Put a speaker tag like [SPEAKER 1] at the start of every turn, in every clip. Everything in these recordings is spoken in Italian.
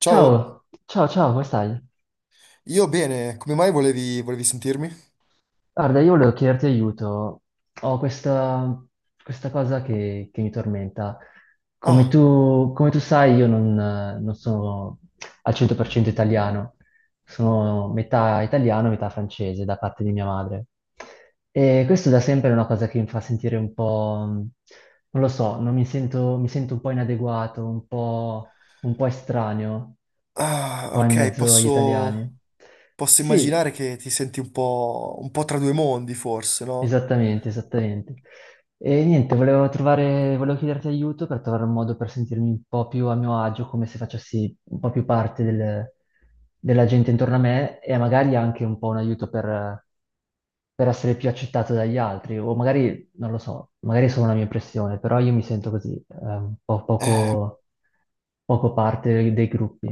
[SPEAKER 1] Ciao,
[SPEAKER 2] Ciao, ciao, ciao, come stai?
[SPEAKER 1] io bene, come mai volevi sentirmi?
[SPEAKER 2] Guarda, io volevo chiederti aiuto. Ho questa cosa che mi tormenta. Come
[SPEAKER 1] Ah,
[SPEAKER 2] tu, come tu sai, io non sono al 100% italiano, sono metà italiano, metà francese da parte di mia madre. E questo da sempre è una cosa che mi fa sentire un po', non lo so, non mi sento, mi sento un po' inadeguato, un po' estraneo qua in
[SPEAKER 1] ok,
[SPEAKER 2] mezzo agli italiani.
[SPEAKER 1] posso
[SPEAKER 2] Sì,
[SPEAKER 1] immaginare che ti senti un po' tra due mondi, forse, no?
[SPEAKER 2] esattamente, esattamente. E niente, volevo chiederti aiuto per trovare un modo per sentirmi un po' più a mio agio, come se facessi un po' più parte della gente intorno a me e magari anche un po' un aiuto per essere più accettato dagli altri, o magari, non lo so, magari è solo una mia impressione, però io mi sento così, un po'
[SPEAKER 1] Eh,
[SPEAKER 2] poco parte dei gruppi.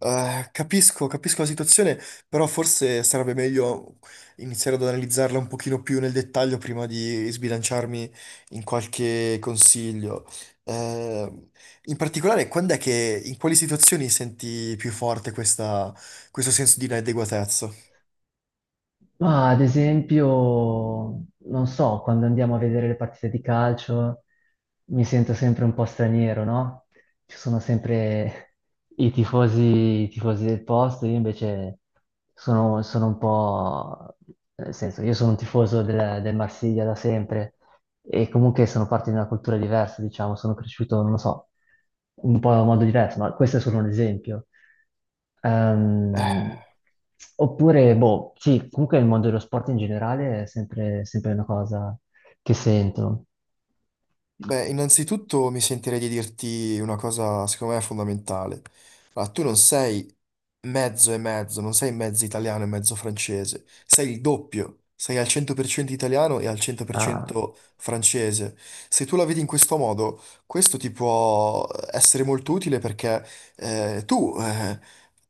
[SPEAKER 1] capisco, capisco la situazione, però forse sarebbe meglio iniziare ad analizzarla un pochino più nel dettaglio prima di sbilanciarmi in qualche consiglio. Eh, In particolare, quando è che, in quali situazioni senti più forte questo senso di inadeguatezza?
[SPEAKER 2] Ma ad esempio, non so, quando andiamo a vedere le partite di calcio mi sento sempre un po' straniero, no? Ci sono sempre i tifosi del posto, io invece sono un po'. Nel senso, io sono un tifoso del Marsiglia da sempre, e comunque sono parte di una cultura diversa, diciamo, sono cresciuto, non lo so, un po' in modo diverso, ma questo è solo un esempio. Ehm, Oppure, boh, sì, comunque il mondo dello sport in generale è sempre, sempre una cosa che sento.
[SPEAKER 1] Beh, innanzitutto mi sentirei di dirti una cosa, secondo me, fondamentale. Allora, tu non sei mezzo e mezzo, non sei mezzo italiano e mezzo francese, sei il doppio, sei al 100% italiano e al
[SPEAKER 2] Ah,
[SPEAKER 1] 100% francese. Se tu la vedi in questo modo, questo ti può essere molto utile perché tu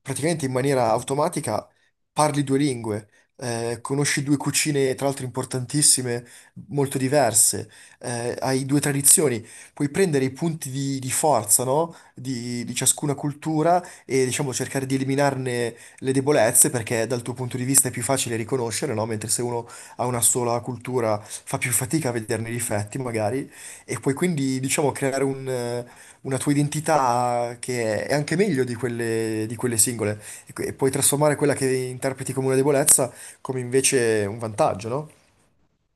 [SPEAKER 1] praticamente in maniera automatica parli due lingue, conosci due cucine, tra l'altro importantissime, molto diverse. Eh, hai due tradizioni, puoi prendere i punti di forza, no? Di ciascuna cultura, e diciamo cercare di eliminarne le debolezze, perché dal tuo punto di vista è più facile riconoscere, no? Mentre se uno ha una sola cultura fa più fatica a vederne i difetti magari, e puoi quindi diciamo creare una tua identità che è anche meglio di di quelle singole, e e puoi trasformare quella che interpreti come una debolezza come invece un vantaggio, no?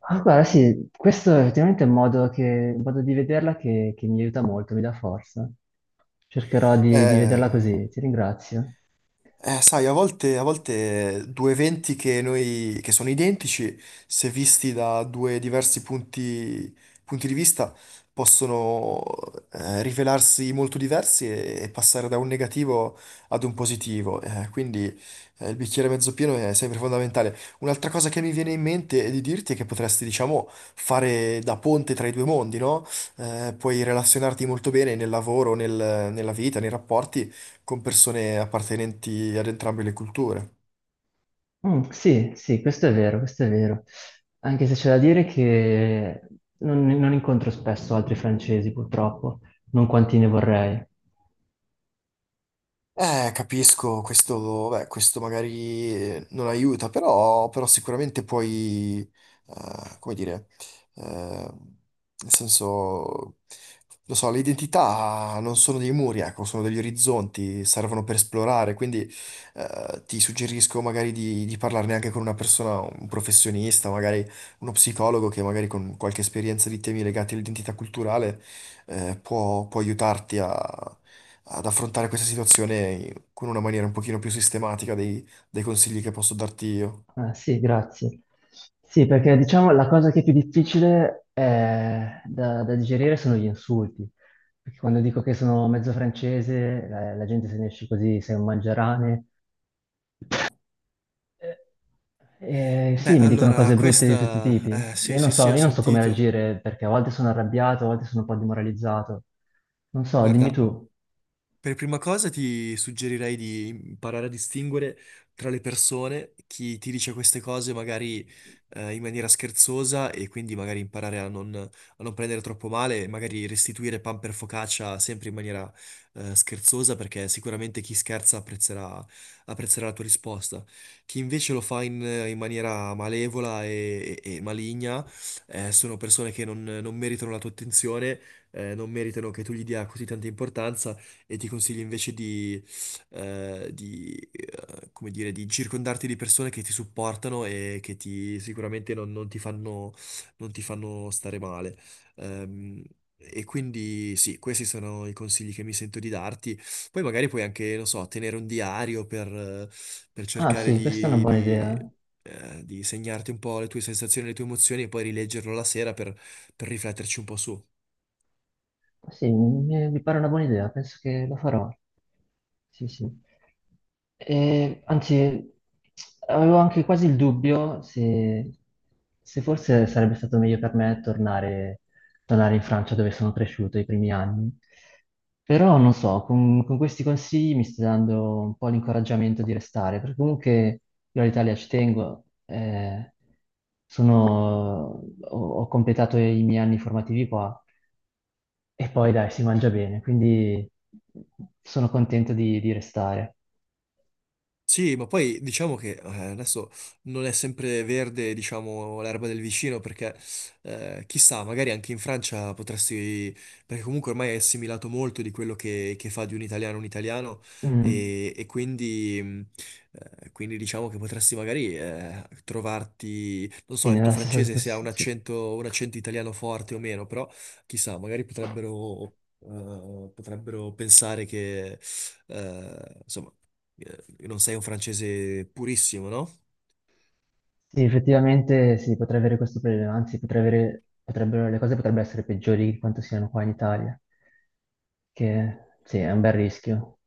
[SPEAKER 2] ah, guarda, sì, questo è effettivamente un modo, un modo di vederla che mi aiuta molto, mi dà forza. Cercherò di vederla
[SPEAKER 1] Eh,
[SPEAKER 2] così, ti ringrazio.
[SPEAKER 1] Sai, a volte due eventi che sono identici, se visti da due diversi punti di vista, possono rivelarsi molto diversi e passare da un negativo ad un positivo. Quindi il bicchiere mezzo pieno è sempre fondamentale. Un'altra cosa che mi viene in mente è di dirti è che potresti, diciamo, fare da ponte tra i due mondi, no? Puoi relazionarti molto bene nel lavoro, nella vita, nei rapporti con persone appartenenti ad entrambe le culture.
[SPEAKER 2] Mm, sì, sì, questo è vero, questo è vero. Anche se c'è da dire che non incontro spesso altri francesi, purtroppo, non quanti ne vorrei.
[SPEAKER 1] Capisco, questo, beh, questo magari non aiuta, però, però sicuramente puoi, come dire, nel senso, lo so, le identità non sono dei muri, ecco, sono degli orizzonti, servono per esplorare, quindi ti suggerisco magari di parlarne anche con una persona, un professionista, magari uno psicologo che magari con qualche esperienza di temi legati all'identità culturale può, può aiutarti ad affrontare questa situazione con una maniera un pochino più sistematica dei consigli che posso darti io.
[SPEAKER 2] Ah, sì, grazie. Sì, perché diciamo la cosa che è più difficile da digerire sono gli insulti. Perché quando dico che sono mezzo francese, la gente se ne esce così, sei un mangiarane. Eh,
[SPEAKER 1] Beh,
[SPEAKER 2] sì, mi dicono
[SPEAKER 1] allora,
[SPEAKER 2] cose brutte di tutti i
[SPEAKER 1] questa...
[SPEAKER 2] tipi.
[SPEAKER 1] sì, sì, sì, ho
[SPEAKER 2] Io non so come
[SPEAKER 1] sentito.
[SPEAKER 2] reagire perché a volte sono arrabbiato, a volte sono un po' demoralizzato. Non so, dimmi
[SPEAKER 1] Guarda,
[SPEAKER 2] tu.
[SPEAKER 1] per prima cosa ti suggerirei di imparare a distinguere tra le persone chi ti dice queste cose magari in maniera scherzosa, e quindi magari imparare a non prendere troppo male e magari restituire pan per focaccia sempre in maniera scherzosa, perché sicuramente chi scherza apprezzerà, apprezzerà la tua risposta. Chi invece lo fa in maniera malevola e maligna, sono persone che non meritano la tua attenzione, non meritano che tu gli dia così tanta importanza, e ti consiglio invece di, come dire, di circondarti di persone che ti supportano e che sicuramente non ti fanno, non ti fanno stare male. Ehm, E quindi sì, questi sono i consigli che mi sento di darti. Poi magari puoi anche, non so, tenere un diario per, per
[SPEAKER 2] Ah,
[SPEAKER 1] cercare
[SPEAKER 2] sì, questa è una
[SPEAKER 1] di,
[SPEAKER 2] buona
[SPEAKER 1] di,
[SPEAKER 2] idea.
[SPEAKER 1] eh, di segnarti un po' le tue sensazioni, le tue emozioni, e poi rileggerlo la sera per rifletterci un po' su.
[SPEAKER 2] Sì, mi pare una buona idea, penso che lo farò. Sì, sì. E, anzi, avevo anche quasi il dubbio se forse sarebbe stato meglio per me tornare, tornare in Francia dove sono cresciuto i primi anni. Però non so, con questi consigli mi stai dando un po' l'incoraggiamento di restare, perché comunque io all'Italia ci tengo, ho completato i miei anni formativi qua e poi dai, si mangia bene, quindi sono contento di restare.
[SPEAKER 1] Sì, ma poi diciamo che adesso non è sempre verde, diciamo, l'erba del vicino, perché chissà, magari anche in Francia potresti, perché comunque ormai è assimilato molto di quello che fa di un italiano,
[SPEAKER 2] Mm,
[SPEAKER 1] e quindi, quindi diciamo che potresti magari trovarti, non
[SPEAKER 2] sì,
[SPEAKER 1] so, il tuo
[SPEAKER 2] nella stessa
[SPEAKER 1] francese se ha
[SPEAKER 2] situazione. Sì,
[SPEAKER 1] un accento italiano forte o meno, però chissà, magari potrebbero pensare che, insomma non sei un francese purissimo, no?
[SPEAKER 2] sì, effettivamente sì, potrei avere questo problema, anzi le cose potrebbero essere peggiori di quanto siano qua in Italia, che sì, è un bel rischio.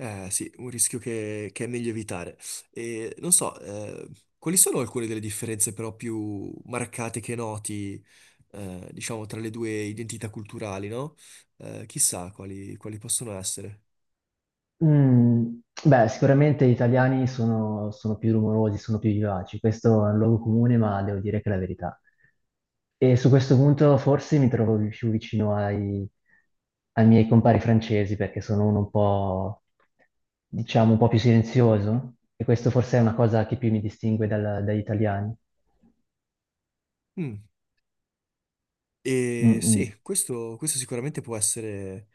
[SPEAKER 1] Eh sì, un rischio che è meglio evitare. E non so, quali sono alcune delle differenze però più marcate che noti, diciamo, tra le due identità culturali, no? Chissà quali possono essere.
[SPEAKER 2] Mm, beh, sicuramente gli italiani sono più rumorosi, sono più vivaci, questo è un luogo comune, ma devo dire che è la verità. E su questo punto forse mi trovo più vicino ai miei compari francesi, perché sono uno un po', diciamo, un po' più silenzioso, e questo forse è una cosa che più mi distingue dagli italiani.
[SPEAKER 1] Mm.
[SPEAKER 2] Mm,
[SPEAKER 1] E
[SPEAKER 2] mm.
[SPEAKER 1] sì, questo sicuramente può essere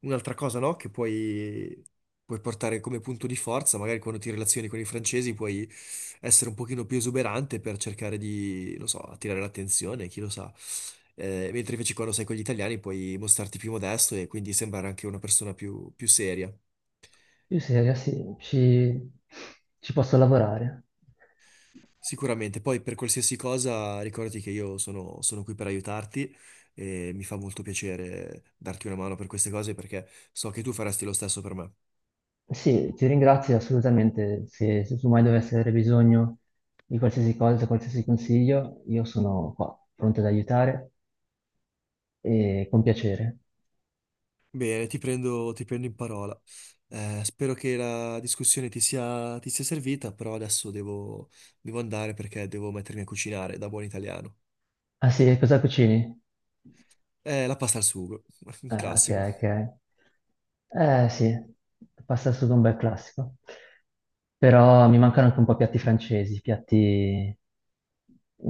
[SPEAKER 1] un'altra cosa, no? Che puoi portare come punto di forza, magari quando ti relazioni con i francesi puoi essere un pochino più esuberante per cercare di, non so, attirare l'attenzione, chi lo sa. Mentre invece quando sei con gli italiani puoi mostrarti più modesto e quindi sembrare anche una persona più, più seria.
[SPEAKER 2] Io sì, ragazzi, ci posso lavorare.
[SPEAKER 1] Sicuramente, poi per qualsiasi cosa ricordati che sono qui per aiutarti, e mi fa molto piacere darti una mano per queste cose perché so che tu faresti lo stesso per me.
[SPEAKER 2] Sì, ti ringrazio assolutamente. Se tu mai dovessi avere bisogno di qualsiasi cosa, qualsiasi consiglio, io sono qua, pronto ad aiutare e con piacere.
[SPEAKER 1] Bene, ti prendo in parola. Spero che la discussione ti sia servita, però devo andare perché devo mettermi a cucinare da buon italiano.
[SPEAKER 2] Ah sì, cosa cucini?
[SPEAKER 1] La pasta al sugo, un
[SPEAKER 2] Ah, ok,
[SPEAKER 1] classico.
[SPEAKER 2] ok. Eh sì, pasta al sugo è un bel classico. Però mi mancano anche un po' piatti francesi, piatti,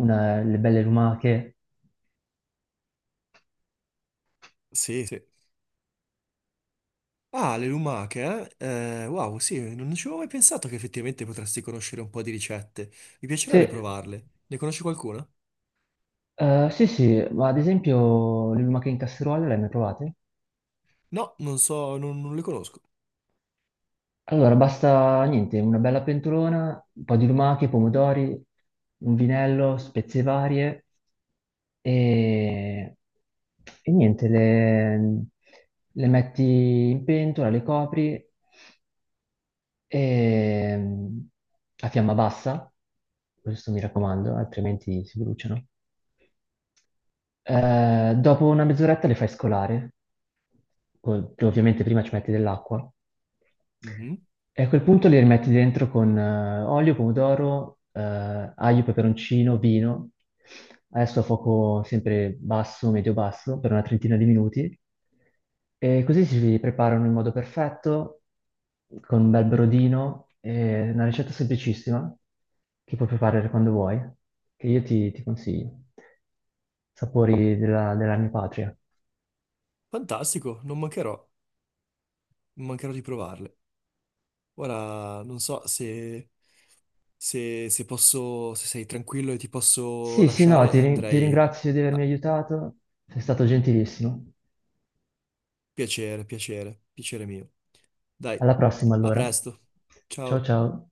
[SPEAKER 2] una- le belle lumache.
[SPEAKER 1] Sì, sì. Ah, le lumache, eh? Wow, sì, non ci avevo mai pensato che effettivamente potresti conoscere un po' di ricette. Mi
[SPEAKER 2] Sì,
[SPEAKER 1] piacerebbe provarle. Ne conosci qualcuna?
[SPEAKER 2] Sì, sì, ma ad esempio le lumache in casseruola le hai mai provate?
[SPEAKER 1] No, non so, non le conosco.
[SPEAKER 2] Allora, basta niente, una bella pentolona, un po' di lumache, pomodori, un vinello, spezie varie e, e niente, le metti in pentola, le copri e, a fiamma bassa, questo mi raccomando, altrimenti si bruciano. Dopo una mezz'oretta le fai scolare che ovviamente prima ci metti dell'acqua,
[SPEAKER 1] Mhm.
[SPEAKER 2] e a quel punto li rimetti dentro con olio, pomodoro, aglio, peperoncino, vino, adesso a fuoco sempre basso, medio-basso, per una trentina di minuti, e così si preparano in modo perfetto, con un bel brodino, è una ricetta semplicissima, che puoi preparare quando vuoi, che io ti consiglio. Sapori della mia patria.
[SPEAKER 1] Fantastico, non mancherò, non mancherò di provarle. Ora, non so se, se posso, se sei tranquillo e ti posso
[SPEAKER 2] Sì, sì, no,
[SPEAKER 1] lasciare,
[SPEAKER 2] ti
[SPEAKER 1] andrei.
[SPEAKER 2] ringrazio di avermi
[SPEAKER 1] Ah,
[SPEAKER 2] aiutato, sei stato gentilissimo.
[SPEAKER 1] piacere mio. Dai,
[SPEAKER 2] Alla prossima
[SPEAKER 1] a
[SPEAKER 2] allora.
[SPEAKER 1] presto.
[SPEAKER 2] Ciao
[SPEAKER 1] Ciao.
[SPEAKER 2] ciao.